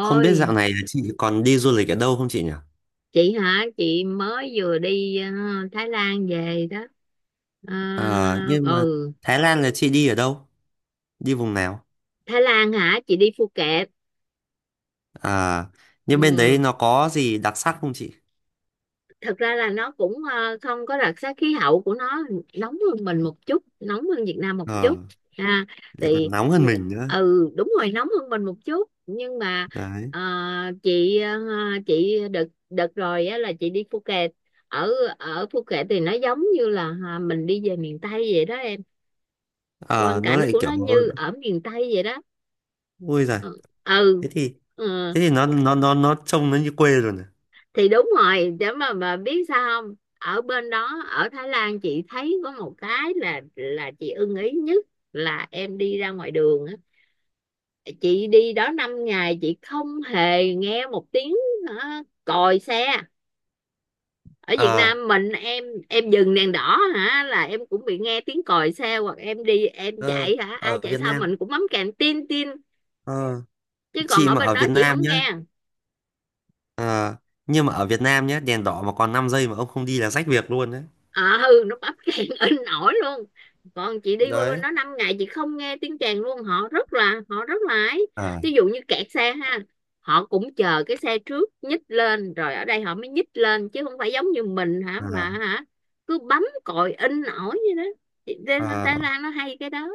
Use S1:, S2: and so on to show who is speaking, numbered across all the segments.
S1: Không biết dạo này là chị còn đi du lịch ở đâu không chị nhỉ?
S2: chị hả? Chị mới vừa đi Thái Lan về đó. Ờ,
S1: Ờ, nhưng mà
S2: ừ,
S1: Thái Lan là chị đi ở đâu? Đi vùng nào?
S2: Thái Lan hả? Chị đi Phuket.
S1: À, nhưng bên đấy
S2: Ừ,
S1: nó có gì đặc sắc không chị?
S2: thật ra là nó cũng không có đặc sắc. Khí hậu của nó nóng hơn mình một chút, nóng hơn Việt Nam một
S1: Ờ,
S2: chút. Ha,
S1: lại
S2: thì
S1: còn nóng
S2: ừ
S1: hơn mình nữa.
S2: đúng rồi, nóng hơn mình một chút, nhưng mà
S1: Đấy.
S2: ờ, chị ờ, chị đợt đợt rồi á, là chị đi Phuket. Ở ở Phuket thì nó giống như là mình đi về miền Tây vậy đó,
S1: Ờ,
S2: quang
S1: nó
S2: cảnh
S1: lại
S2: của
S1: kiểu
S2: nó như ở miền Tây vậy đó.
S1: ui giời.
S2: Ừ, ừ.
S1: Thế thì
S2: Ờ,
S1: thế thì nó trông nó như quê rồi nè.
S2: thì đúng rồi, để mà biết sao không, ở bên đó, ở Thái Lan chị thấy có một cái là chị ưng ý nhất là em đi ra ngoài đường á, chị đi đó 5 ngày chị không hề nghe một tiếng còi xe. Ở Việt
S1: Ờ,
S2: Nam mình, em dừng đèn đỏ hả là em cũng bị nghe tiếng còi xe, hoặc em đi em
S1: ờ,
S2: chạy hả, ai
S1: ở
S2: chạy
S1: Việt
S2: sau
S1: Nam.
S2: mình cũng bấm kèn tin tin,
S1: Ờ,
S2: chứ còn
S1: chị
S2: ở
S1: mà
S2: bên
S1: ở
S2: đó
S1: Việt
S2: chị
S1: Nam
S2: không
S1: nhá.
S2: nghe.
S1: Ờ, nhưng mà ở Việt Nam nhá, đèn đỏ mà còn 5 giây mà ông không đi là rách việc luôn đấy.
S2: Nó bắp càng in ỏi luôn, còn chị đi qua bên
S1: Đấy.
S2: đó 5 ngày chị không nghe tiếng Tràn luôn. Họ rất là ấy
S1: Ờ,
S2: ví dụ như kẹt xe ha, họ cũng chờ cái xe trước nhích lên rồi ở đây họ mới nhích lên, chứ không phải giống như mình hả
S1: ờ,
S2: mà hả cứ bấm còi in ỏi như đó. Thì Thái
S1: ờ.
S2: Thái Lan nó hay cái đó.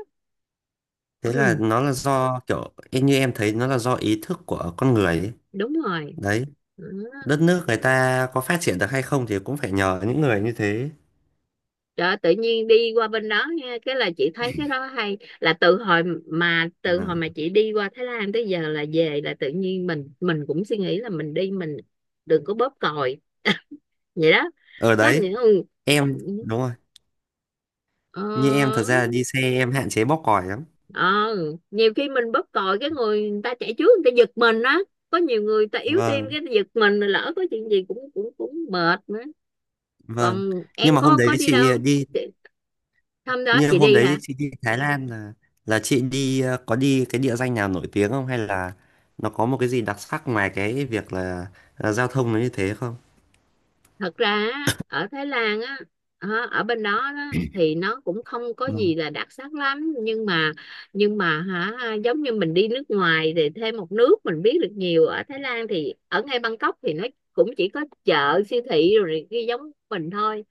S1: Thế là
S2: Ừ,
S1: nó là do kiểu như em thấy nó là do ý thức của con người ấy.
S2: đúng rồi.
S1: Đấy, đất nước người
S2: Ừ.
S1: ta có phát triển được hay không thì cũng phải nhờ những người như thế.
S2: Đó, tự nhiên đi qua bên đó nha, cái là chị thấy cái đó hay, là từ hồi mà
S1: Ừ.
S2: chị đi qua Thái Lan tới giờ là về, là tự nhiên mình cũng suy nghĩ là mình đi mình đừng có bóp còi, vậy đó.
S1: Ở
S2: Có
S1: đấy,
S2: những
S1: em đúng rồi,
S2: ờ,
S1: như em thật ra đi xe em hạn chế bóp còi lắm.
S2: ờ, nhiều khi mình bóp còi, cái người ta chạy trước người ta giật mình á, có nhiều người ta yếu tim
S1: Vâng,
S2: cái giật mình, lỡ có chuyện gì cũng cũng cũng mệt nữa.
S1: vâng.
S2: Còn
S1: Nhưng
S2: em
S1: mà
S2: có đi đâu không? Hôm đó chị
S1: hôm
S2: đi
S1: đấy
S2: hả,
S1: chị đi Thái Lan là chị đi có đi cái địa danh nào nổi tiếng không hay là nó có một cái gì đặc sắc ngoài cái việc là giao thông nó như thế không?
S2: thật ra á, ở Thái Lan á, ở bên đó, đó thì nó cũng không có
S1: Vâng.
S2: gì là đặc sắc lắm, nhưng mà hả giống như mình đi nước ngoài thì thêm một nước mình biết được nhiều. Ở Thái Lan thì ở ngay Bangkok thì nó cũng chỉ có chợ, siêu thị rồi này kia giống mình thôi.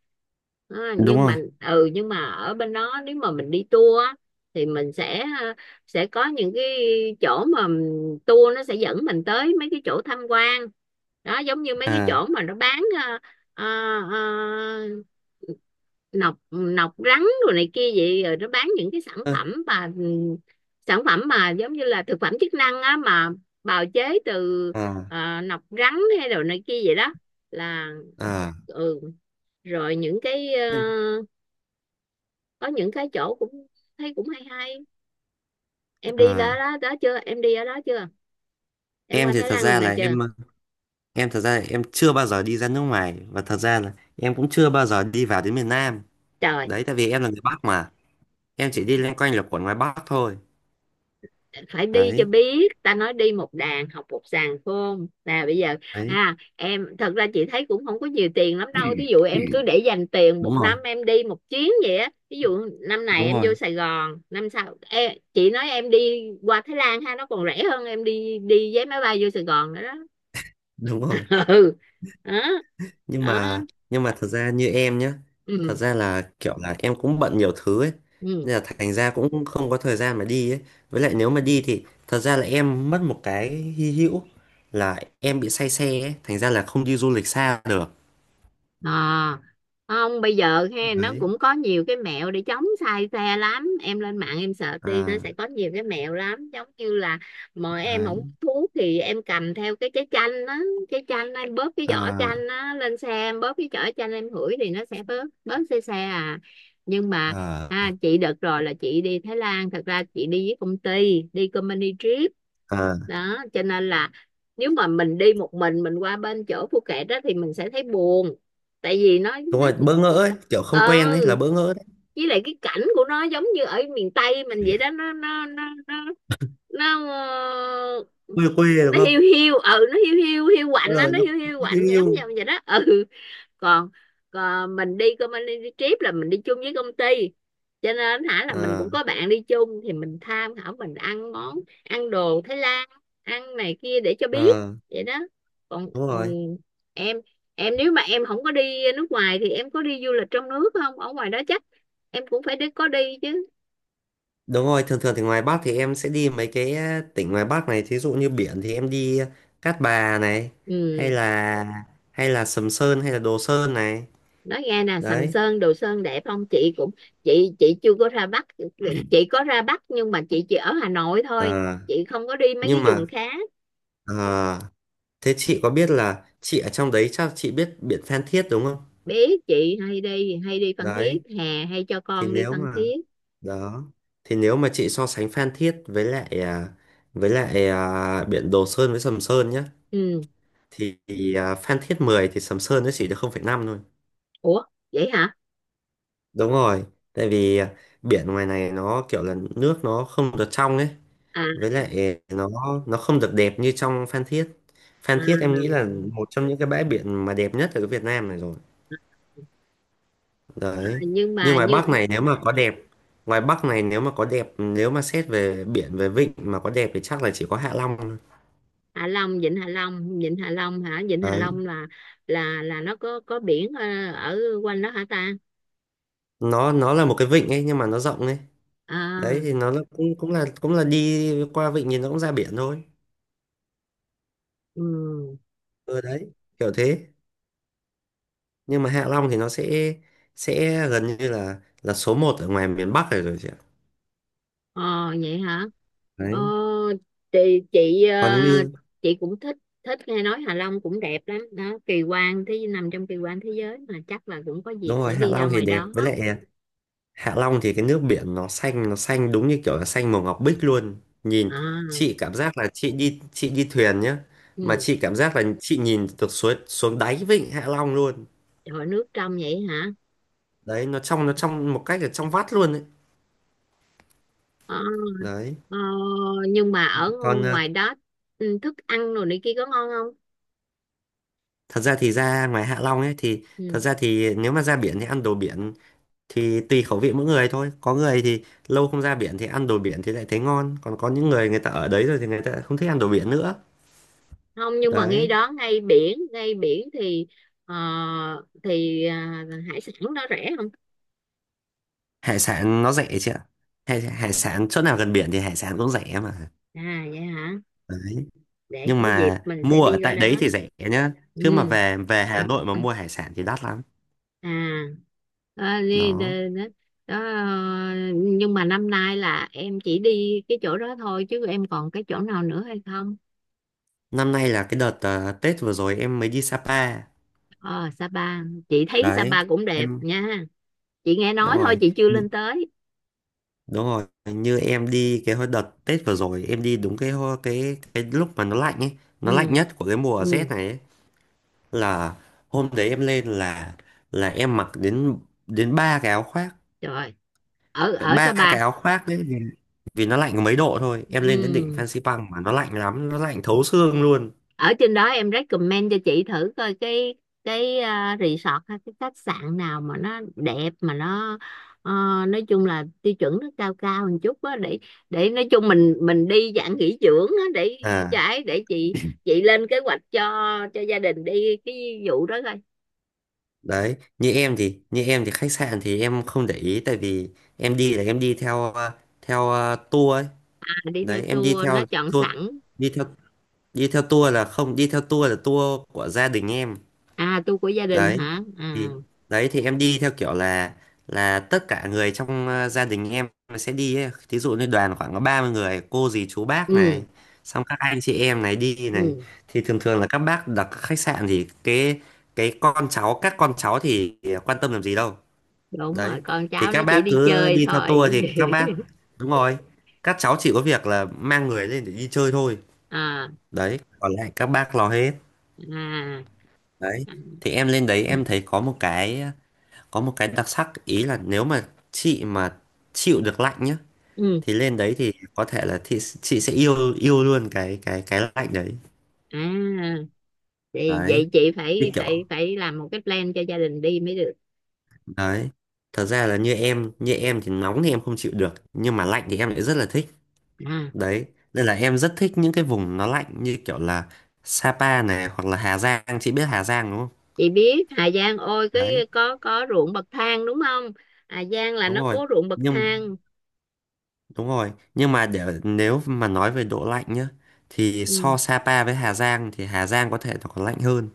S2: À,
S1: Đúng
S2: nhưng
S1: rồi.
S2: mà ừ, nhưng mà ở bên đó, nếu mà mình đi tour á, thì mình sẽ sẽ có những cái chỗ mà tour nó sẽ dẫn mình tới mấy cái chỗ tham quan đó, giống như mấy cái
S1: À.
S2: chỗ mà nó bán Ờ, ờ, nọc nọc rắn rồi này kia vậy, rồi nó bán những cái sản
S1: Ơ.
S2: phẩm mà giống như là thực phẩm chức năng á, mà bào chế từ
S1: À.
S2: nọc rắn hay đồ này kia vậy đó. Là
S1: À.
S2: ừ Rồi những cái
S1: Em-
S2: có những cái chỗ cũng thấy cũng hay hay. Em đi đó
S1: À,
S2: đó, đó chưa, em đi ở đó chưa, em
S1: em
S2: qua
S1: thì
S2: Thái
S1: thật
S2: Lan lần
S1: ra
S2: nào
S1: là
S2: chưa?
S1: em chưa bao giờ đi ra nước ngoài và thật ra là em cũng chưa bao giờ đi vào đến miền Nam.
S2: Trời,
S1: Đấy, tại vì em là người Bắc mà em chỉ đi loanh quanh là quẩn ngoài Bắc thôi.
S2: phải đi cho
S1: Đấy.
S2: biết, ta nói đi một đàn học một sàng khôn, không nè bây giờ.
S1: Đấy.
S2: Em, thật ra chị thấy cũng không có nhiều tiền lắm đâu, thí dụ em cứ để dành tiền một
S1: đúng rồi.
S2: năm em đi một chuyến vậy á. Ví dụ năm này
S1: Đúng
S2: em vô
S1: rồi.
S2: Sài Gòn, năm sau chị nói em đi qua Thái Lan ha, nó còn rẻ hơn em đi đi vé máy bay vô Sài Gòn nữa đó.
S1: Đúng rồi.
S2: Ừ. Đó.
S1: nhưng
S2: Đó.
S1: mà nhưng mà thật ra như em nhé, thật
S2: Ừ.
S1: ra là kiểu là em cũng bận nhiều thứ ấy
S2: Ừ.
S1: nên là thành ra cũng không có thời gian mà đi ấy. Với lại nếu mà đi thì thật ra là em mất một cái hy hữu là em bị say xe ấy, thành ra là không đi du lịch xa được.
S2: à, Không, bây giờ nó
S1: Đấy.
S2: cũng có nhiều cái mẹo để chống sai xe lắm, em lên mạng em search đi, nó
S1: À.
S2: sẽ có nhiều cái mẹo lắm, giống như là mà em
S1: Đấy.
S2: không hút thuốc thì em cầm theo cái trái chanh á, trái chanh em bóp cái vỏ
S1: À.
S2: chanh á, lên xe em bóp cái vỏ chanh em hửi thì nó sẽ bớt bớt xe xe à. Nhưng mà à,
S1: À.
S2: chị đợt rồi là chị đi Thái Lan, thật ra chị đi với công ty, đi company trip
S1: À.
S2: đó, cho nên là nếu mà mình đi một mình qua bên chỗ Phuket đó thì mình sẽ thấy buồn, tại vì nó
S1: Đúng rồi,
S2: cứ-
S1: bỡ ngỡ ấy, kiểu không
S2: ờ
S1: quen ấy, là bỡ ngỡ đấy.
S2: với lại cái cảnh của nó giống như ở miền Tây mình vậy đó, nó ờ,
S1: Quê quê đúng
S2: nó hiu
S1: không?
S2: hiu. Ừ, nó hiu hiu hiu quạnh á,
S1: Ờ,
S2: nó
S1: nó
S2: hiu hiu
S1: nó
S2: quạnh
S1: hiu
S2: giống
S1: hiu.
S2: như vậy đó. Ừ. Còn, còn mình đi công anh đi trip là mình đi chung với công ty, cho nên là mình
S1: À.
S2: cũng có bạn đi chung, thì mình tham khảo mình ăn món ăn đồ Thái Lan, ăn này kia để cho biết
S1: À.
S2: vậy đó. Còn
S1: Đúng rồi.
S2: em em nếu mà em không có đi nước ngoài thì em có đi du lịch trong nước không, ở ngoài đó chắc em cũng phải đi, có đi chứ.
S1: Đúng rồi, thường thường thì ngoài Bắc thì em sẽ đi mấy cái tỉnh ngoài Bắc này, thí dụ như biển thì em đi Cát Bà này, hay
S2: Ừ,
S1: là hay là Sầm Sơn hay là Đồ Sơn này.
S2: nói nghe nè, Sầm
S1: Đấy.
S2: Sơn Đồ Sơn đẹp không? Chị cũng chị chưa có ra Bắc, chị có ra Bắc nhưng mà chị chỉ ở Hà Nội thôi,
S1: Ờ,
S2: chị không có đi mấy cái
S1: nhưng mà
S2: vùng khác.
S1: ờ, thế chị có biết là chị ở trong đấy chắc chị biết biển Phan Thiết đúng không?
S2: Biết, chị hay đi Phan Thiết,
S1: Đấy,
S2: hè hay cho
S1: thì
S2: con đi
S1: nếu
S2: Phan
S1: mà
S2: Thiết.
S1: đó thì nếu mà chị so sánh Phan Thiết với lại với lại biển Đồ Sơn với Sầm Sơn nhá,
S2: Ừ.
S1: thì Phan Thiết 10 thì Sầm Sơn nó chỉ được 0,5 thôi.
S2: Ủa, vậy hả?
S1: Đúng rồi, tại vì biển ngoài này nó kiểu là nước nó không được trong ấy,
S2: À,
S1: với lại nó không được đẹp như trong Phan Thiết. Phan Thiết em nghĩ là một trong những cái bãi biển mà đẹp nhất ở cái Việt Nam này rồi. Đấy.
S2: nhưng
S1: Nhưng
S2: mà như
S1: Ngoài Bắc này nếu mà có đẹp, nếu mà xét về biển về vịnh mà có đẹp thì chắc là chỉ có Hạ Long thôi.
S2: Hạ Long, Vịnh Hạ Long, Vịnh Hạ Long hả Vịnh Hạ
S1: Đấy.
S2: Long là là nó có biển ở quanh đó hả ta?
S1: Nó là một cái vịnh ấy nhưng mà nó rộng ấy. Đấy
S2: À.
S1: thì cũng cũng là đi qua vịnh thì nó cũng ra biển thôi.
S2: Ừ.
S1: Ừ đấy, kiểu thế. Nhưng mà Hạ Long thì nó sẽ gần như là số một ở ngoài miền Bắc rồi rồi chị ạ.
S2: Ờ, vậy hả? Ờ,
S1: Đấy.
S2: chị chị ờ,
S1: Còn như
S2: chị cũng thích, thích nghe nói Hạ Long cũng đẹp lắm đó, kỳ quan thế, nằm trong kỳ quan thế giới mà, chắc là cũng có dịp
S1: đúng rồi,
S2: sẽ
S1: Hạ
S2: đi ra
S1: Long thì
S2: ngoài
S1: đẹp
S2: đó.
S1: với lại Hạ Long thì cái nước biển nó xanh, nó xanh đúng như kiểu là xanh màu ngọc bích luôn. Nhìn,
S2: À.
S1: chị cảm giác là chị đi thuyền nhá, mà
S2: Ừ.
S1: chị cảm giác là chị nhìn được suối xuống đáy vịnh Hạ Long luôn.
S2: Rồi, nước trong vậy hả?
S1: Đấy, nó trong, nó trong một cách là trong vắt luôn ấy.
S2: Ờ.
S1: Đấy,
S2: ờ, nhưng mà ở
S1: còn
S2: ngoài đó thức ăn rồi này kia có ngon không?
S1: thật ra thì ra ngoài Hạ Long ấy thì thật
S2: Ừ.
S1: ra thì nếu mà ra biển thì ăn đồ biển, thì tùy khẩu vị mỗi người thôi. Có người thì lâu không ra biển thì ăn đồ biển thì lại thấy ngon, còn có những người người ta ở đấy rồi thì người ta không thích ăn đồ biển nữa.
S2: Không, nhưng mà ngay
S1: Đấy,
S2: đó, ngay biển, ngay biển thì ờ, thì hải sản đó rẻ không?
S1: hải sản nó rẻ chị ạ. Hải sản chỗ nào gần biển thì hải sản cũng rẻ mà.
S2: À, vậy hả?
S1: Đấy,
S2: Để
S1: nhưng
S2: có dịp
S1: mà
S2: mình sẽ
S1: mua ở
S2: đi coi
S1: tại đấy
S2: đó.
S1: thì rẻ nhá, chứ mà
S2: Ừ.
S1: về về Hà Nội mà mua hải sản thì đắt lắm.
S2: À, à, đi, đi,
S1: Đó,
S2: đó, đó, nhưng mà năm nay là em chỉ đi cái chỗ đó thôi chứ, em còn cái chỗ nào nữa hay không?
S1: năm nay là cái đợt Tết vừa rồi em mới đi Sapa.
S2: Ờ, Sapa, chị thấy
S1: Đấy.
S2: Sapa cũng đẹp
S1: Em
S2: nha, chị nghe
S1: đúng
S2: nói thôi,
S1: rồi.
S2: chị chưa lên tới.
S1: Đúng rồi, như em đi cái hồi đợt Tết vừa rồi em đi đúng cái ho- cái lúc mà nó lạnh ấy, nó lạnh
S2: Ừ.
S1: nhất của cái mùa rét
S2: Ừ.
S1: này ấy, là hôm đấy em lên là em mặc đến đến ba cái áo khoác,
S2: Trời, ở ở
S1: ba
S2: Sapa
S1: cái áo khoác đấy, vì vì nó lạnh có mấy độ thôi. Em lên đến đỉnh
S2: ừ,
S1: Phan Xipang mà nó lạnh lắm, nó lạnh thấu xương luôn.
S2: ở trên đó em recommend cho chị thử coi cái resort hay cái khách sạn nào mà nó đẹp, mà nó ờ, nói chung là tiêu chuẩn nó cao cao một chút á, để nói chung mình đi dạng nghỉ dưỡng á, để
S1: À,
S2: trái để chị lên kế hoạch cho gia đình đi cái vụ đó coi.
S1: đấy, như em thì khách sạn thì em không để ý, tại vì em đi là em đi theo tour ấy.
S2: À, đi theo
S1: Đấy, em đi
S2: tour nó
S1: theo
S2: chọn
S1: tour,
S2: sẵn.
S1: đi theo đi theo tour là không, đi theo tour là tour của gia đình em.
S2: À, tu của gia đình
S1: đấy
S2: hả? À.
S1: thì đấy thì em đi theo kiểu là tất cả người trong gia đình em sẽ đi ấy. Thí dụ như đoàn khoảng có 30 người cô dì chú bác này,
S2: Ừ.
S1: xong các anh chị em này đi này,
S2: Ừ,
S1: thì thường thường là các bác đặt khách sạn, thì cái con cháu các con cháu thì quan tâm làm gì đâu.
S2: đúng rồi,
S1: Đấy,
S2: con
S1: thì
S2: cháu nó
S1: các
S2: chỉ
S1: bác
S2: đi
S1: cứ
S2: chơi
S1: đi theo
S2: thôi.
S1: tour thì các bác, đúng rồi, các cháu chỉ có việc là mang người lên để đi chơi thôi.
S2: À.
S1: Đấy, còn lại các bác lo hết.
S2: À.
S1: Đấy.
S2: À.
S1: Thì em lên đấy em thấy có một cái đặc sắc ý là nếu mà chị mà chịu được lạnh nhá,
S2: Ừ.
S1: thì lên đấy thì có thể là chị sẽ yêu yêu luôn cái cái lạnh đấy.
S2: À, thì
S1: Đấy,
S2: vậy chị
S1: như
S2: phải
S1: kiểu
S2: phải phải làm một cái plan cho gia đình đi mới được.
S1: đấy. Thật ra là như em thì nóng thì em không chịu được, nhưng mà lạnh thì em lại rất là thích.
S2: À,
S1: Đấy, nên là em rất thích những cái vùng nó lạnh như kiểu là Sapa này hoặc là Hà Giang, chị biết Hà Giang đúng không?
S2: chị biết Hà Giang, ôi cái
S1: Đấy,
S2: có ruộng bậc thang đúng không, Hà Giang là
S1: đúng
S2: nó
S1: rồi.
S2: có ruộng bậc
S1: Nhưng
S2: thang.
S1: Đúng rồi, nhưng mà để nếu mà nói về độ lạnh nhá, thì
S2: Ừ.
S1: so Sapa với Hà Giang thì Hà Giang có thể nó còn lạnh hơn.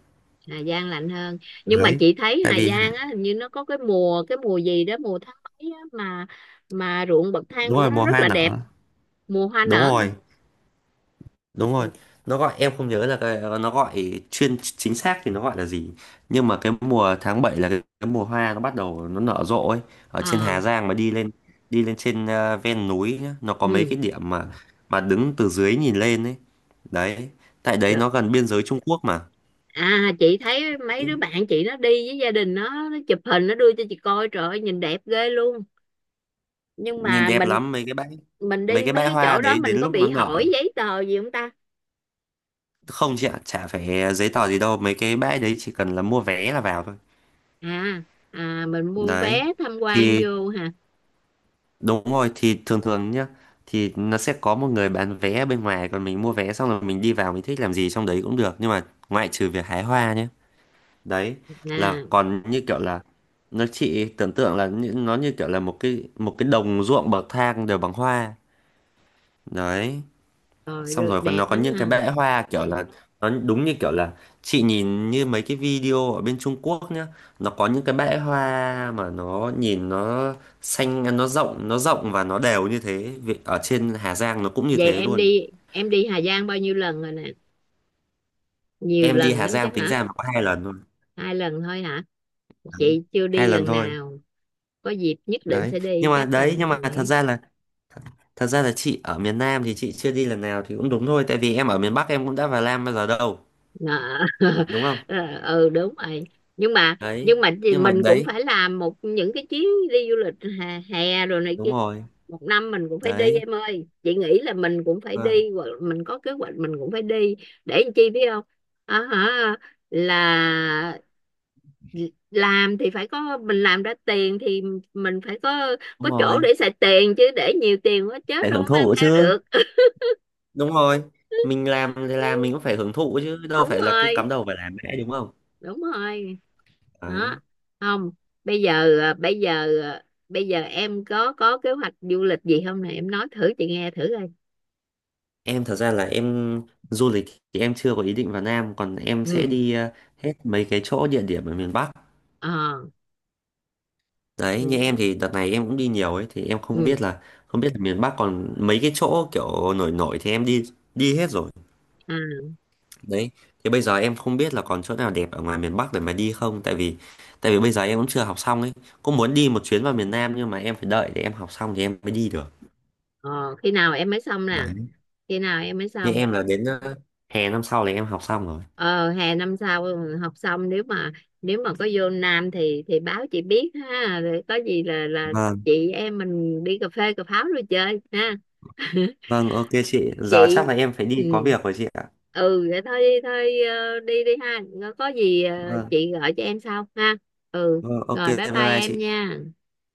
S2: Hà Giang lạnh hơn, nhưng mà
S1: Đấy.
S2: chị thấy
S1: Tại
S2: Hà
S1: vì Hà-
S2: Giang á, hình như nó có cái mùa, cái mùa gì đó, mùa tháng mấy á, mà ruộng bậc thang
S1: Đúng
S2: của
S1: rồi,
S2: nó
S1: mùa
S2: rất
S1: hoa
S2: là đẹp.
S1: nở.
S2: Mùa hoa
S1: Đúng
S2: nở hả?
S1: rồi, đúng rồi. Nó gọi em không nhớ là cái, nó gọi chuyên chính xác thì nó gọi là gì. Nhưng mà cái mùa tháng 7 là cái mùa hoa nó bắt đầu nó nở rộ ấy ở trên
S2: Ờ.
S1: Hà Giang, mà đi lên trên ven núi nhá, nó có mấy
S2: Ừ.
S1: cái điểm mà đứng từ dưới nhìn lên ấy. Đấy. Tại đấy
S2: Được,
S1: nó gần biên giới Trung Quốc mà.
S2: à chị thấy mấy đứa bạn chị nó đi với gia đình, nó chụp hình nó đưa cho chị coi, trời ơi nhìn đẹp ghê luôn, nhưng
S1: Nhìn
S2: mà
S1: đẹp
S2: mình
S1: lắm, mấy cái bãi mấy
S2: đi
S1: cái
S2: mấy
S1: bãi
S2: cái
S1: hoa
S2: chỗ đó
S1: đấy đến
S2: mình có
S1: lúc nó
S2: bị hỏi
S1: nở.
S2: giấy tờ gì không ta?
S1: Không chị ạ, chả phải giấy tờ gì đâu, mấy cái bãi đấy chỉ cần là mua vé là vào thôi.
S2: À. À, mình mua
S1: Đấy,
S2: vé tham quan
S1: thì
S2: vô hả?
S1: đúng rồi, thì thường thường nhá, thì nó sẽ có một người bán vé ở bên ngoài, còn mình mua vé xong rồi mình đi vào, mình thích làm gì trong đấy cũng được nhưng mà ngoại trừ việc hái hoa nhé. Đấy, là
S2: À.
S1: còn như kiểu là nó, chị tưởng tượng là nó như kiểu là một cái đồng ruộng bậc thang đều bằng hoa. Đấy,
S2: Rồi
S1: xong
S2: rồi,
S1: rồi còn
S2: đẹp
S1: nó có
S2: lắm
S1: những cái
S2: ha.
S1: bẽ hoa kiểu là nó đúng như kiểu là chị nhìn như mấy cái video ở bên Trung Quốc nhá, nó có những cái bẽ hoa mà nó nhìn nó xanh, nó rộng, nó rộng và nó đều như thế. Ở trên Hà Giang nó cũng như
S2: Vậy
S1: thế
S2: em
S1: luôn.
S2: đi Hà Giang bao nhiêu lần rồi nè, nhiều
S1: Em đi
S2: lần
S1: Hà
S2: lắm
S1: Giang
S2: chắc
S1: tính
S2: hả?
S1: ra mà có hai lần thôi.
S2: 2 lần thôi hả?
S1: Đấy.
S2: Chị chưa đi
S1: Hai lần
S2: lần
S1: thôi
S2: nào, có dịp nhất định
S1: đấy.
S2: sẽ đi
S1: Nhưng mà
S2: chắc là.
S1: đấy, nhưng mà thật ra là chị ở miền Nam thì chị chưa đi lần nào thì cũng đúng thôi, tại vì em ở miền Bắc em cũng đã vào Nam bao giờ đâu,
S2: Dạ.
S1: đúng không.
S2: Ờ, ừ, đúng rồi, nhưng mà
S1: Đấy,
S2: thì
S1: nhưng mà
S2: mình cũng
S1: đấy,
S2: phải làm một những cái chuyến đi du lịch, hè, hè rồi này kia,
S1: đúng rồi.
S2: một năm mình cũng phải đi
S1: Đấy.
S2: em ơi, chị nghĩ là mình cũng phải đi, hoặc mình có kế hoạch mình cũng phải đi, để làm chi biết không, à, hả là làm thì phải có, mình làm ra tiền thì mình phải có
S1: Đúng
S2: chỗ
S1: rồi,
S2: để xài tiền chứ, để nhiều tiền quá chết
S1: phải
S2: đâu
S1: hưởng
S2: có mang
S1: thụ
S2: theo
S1: chứ.
S2: được.
S1: Đúng rồi, mình làm thì làm mình cũng phải hưởng thụ chứ đâu
S2: Đúng
S1: phải là cứ
S2: rồi,
S1: cắm đầu phải làm mãi đúng không.
S2: đúng rồi. Đó.
S1: Đấy,
S2: Không, bây giờ bây giờ em có kế hoạch du lịch gì không nè, em nói thử chị nghe thử coi.
S1: em thật ra là em, du lịch thì em chưa có ý định vào Nam, còn em sẽ
S2: Ừ.
S1: đi hết mấy cái chỗ địa điểm ở miền Bắc.
S2: Ờ.
S1: Đấy,
S2: Ừ.
S1: như em thì đợt này em cũng đi nhiều ấy, thì em không
S2: Ừ.
S1: biết là không biết là miền Bắc còn mấy cái chỗ kiểu nổi nổi thì em đi, đi hết rồi.
S2: À.
S1: Đấy, thì bây giờ em không biết là còn chỗ nào đẹp ở ngoài miền Bắc để mà đi không, tại vì bây giờ em cũng chưa học xong ấy. Cũng muốn đi một chuyến vào miền Nam nhưng mà em phải đợi để em học xong thì em mới đi được.
S2: Ờ, khi nào em mới xong nè,
S1: Đấy.
S2: khi nào em mới
S1: Như
S2: xong?
S1: em là đến hè năm sau là em học xong rồi.
S2: Ờ, hè năm sau học xong, nếu mà có vô Nam thì báo chị biết ha, rồi có gì là
S1: Vâng,
S2: chị em mình đi cà phê cà pháo rồi chơi ha.
S1: vâng, ok chị. Giờ chắc
S2: Chị,
S1: là em phải đi có
S2: ừ,
S1: việc rồi chị ạ.
S2: ừ vậy thôi, đi thôi, đi đi ha, có gì
S1: Vâng,
S2: chị gọi cho em sau ha. Ừ,
S1: vâng, ok,
S2: rồi bye
S1: bye
S2: bye
S1: bye
S2: em
S1: chị.
S2: nha.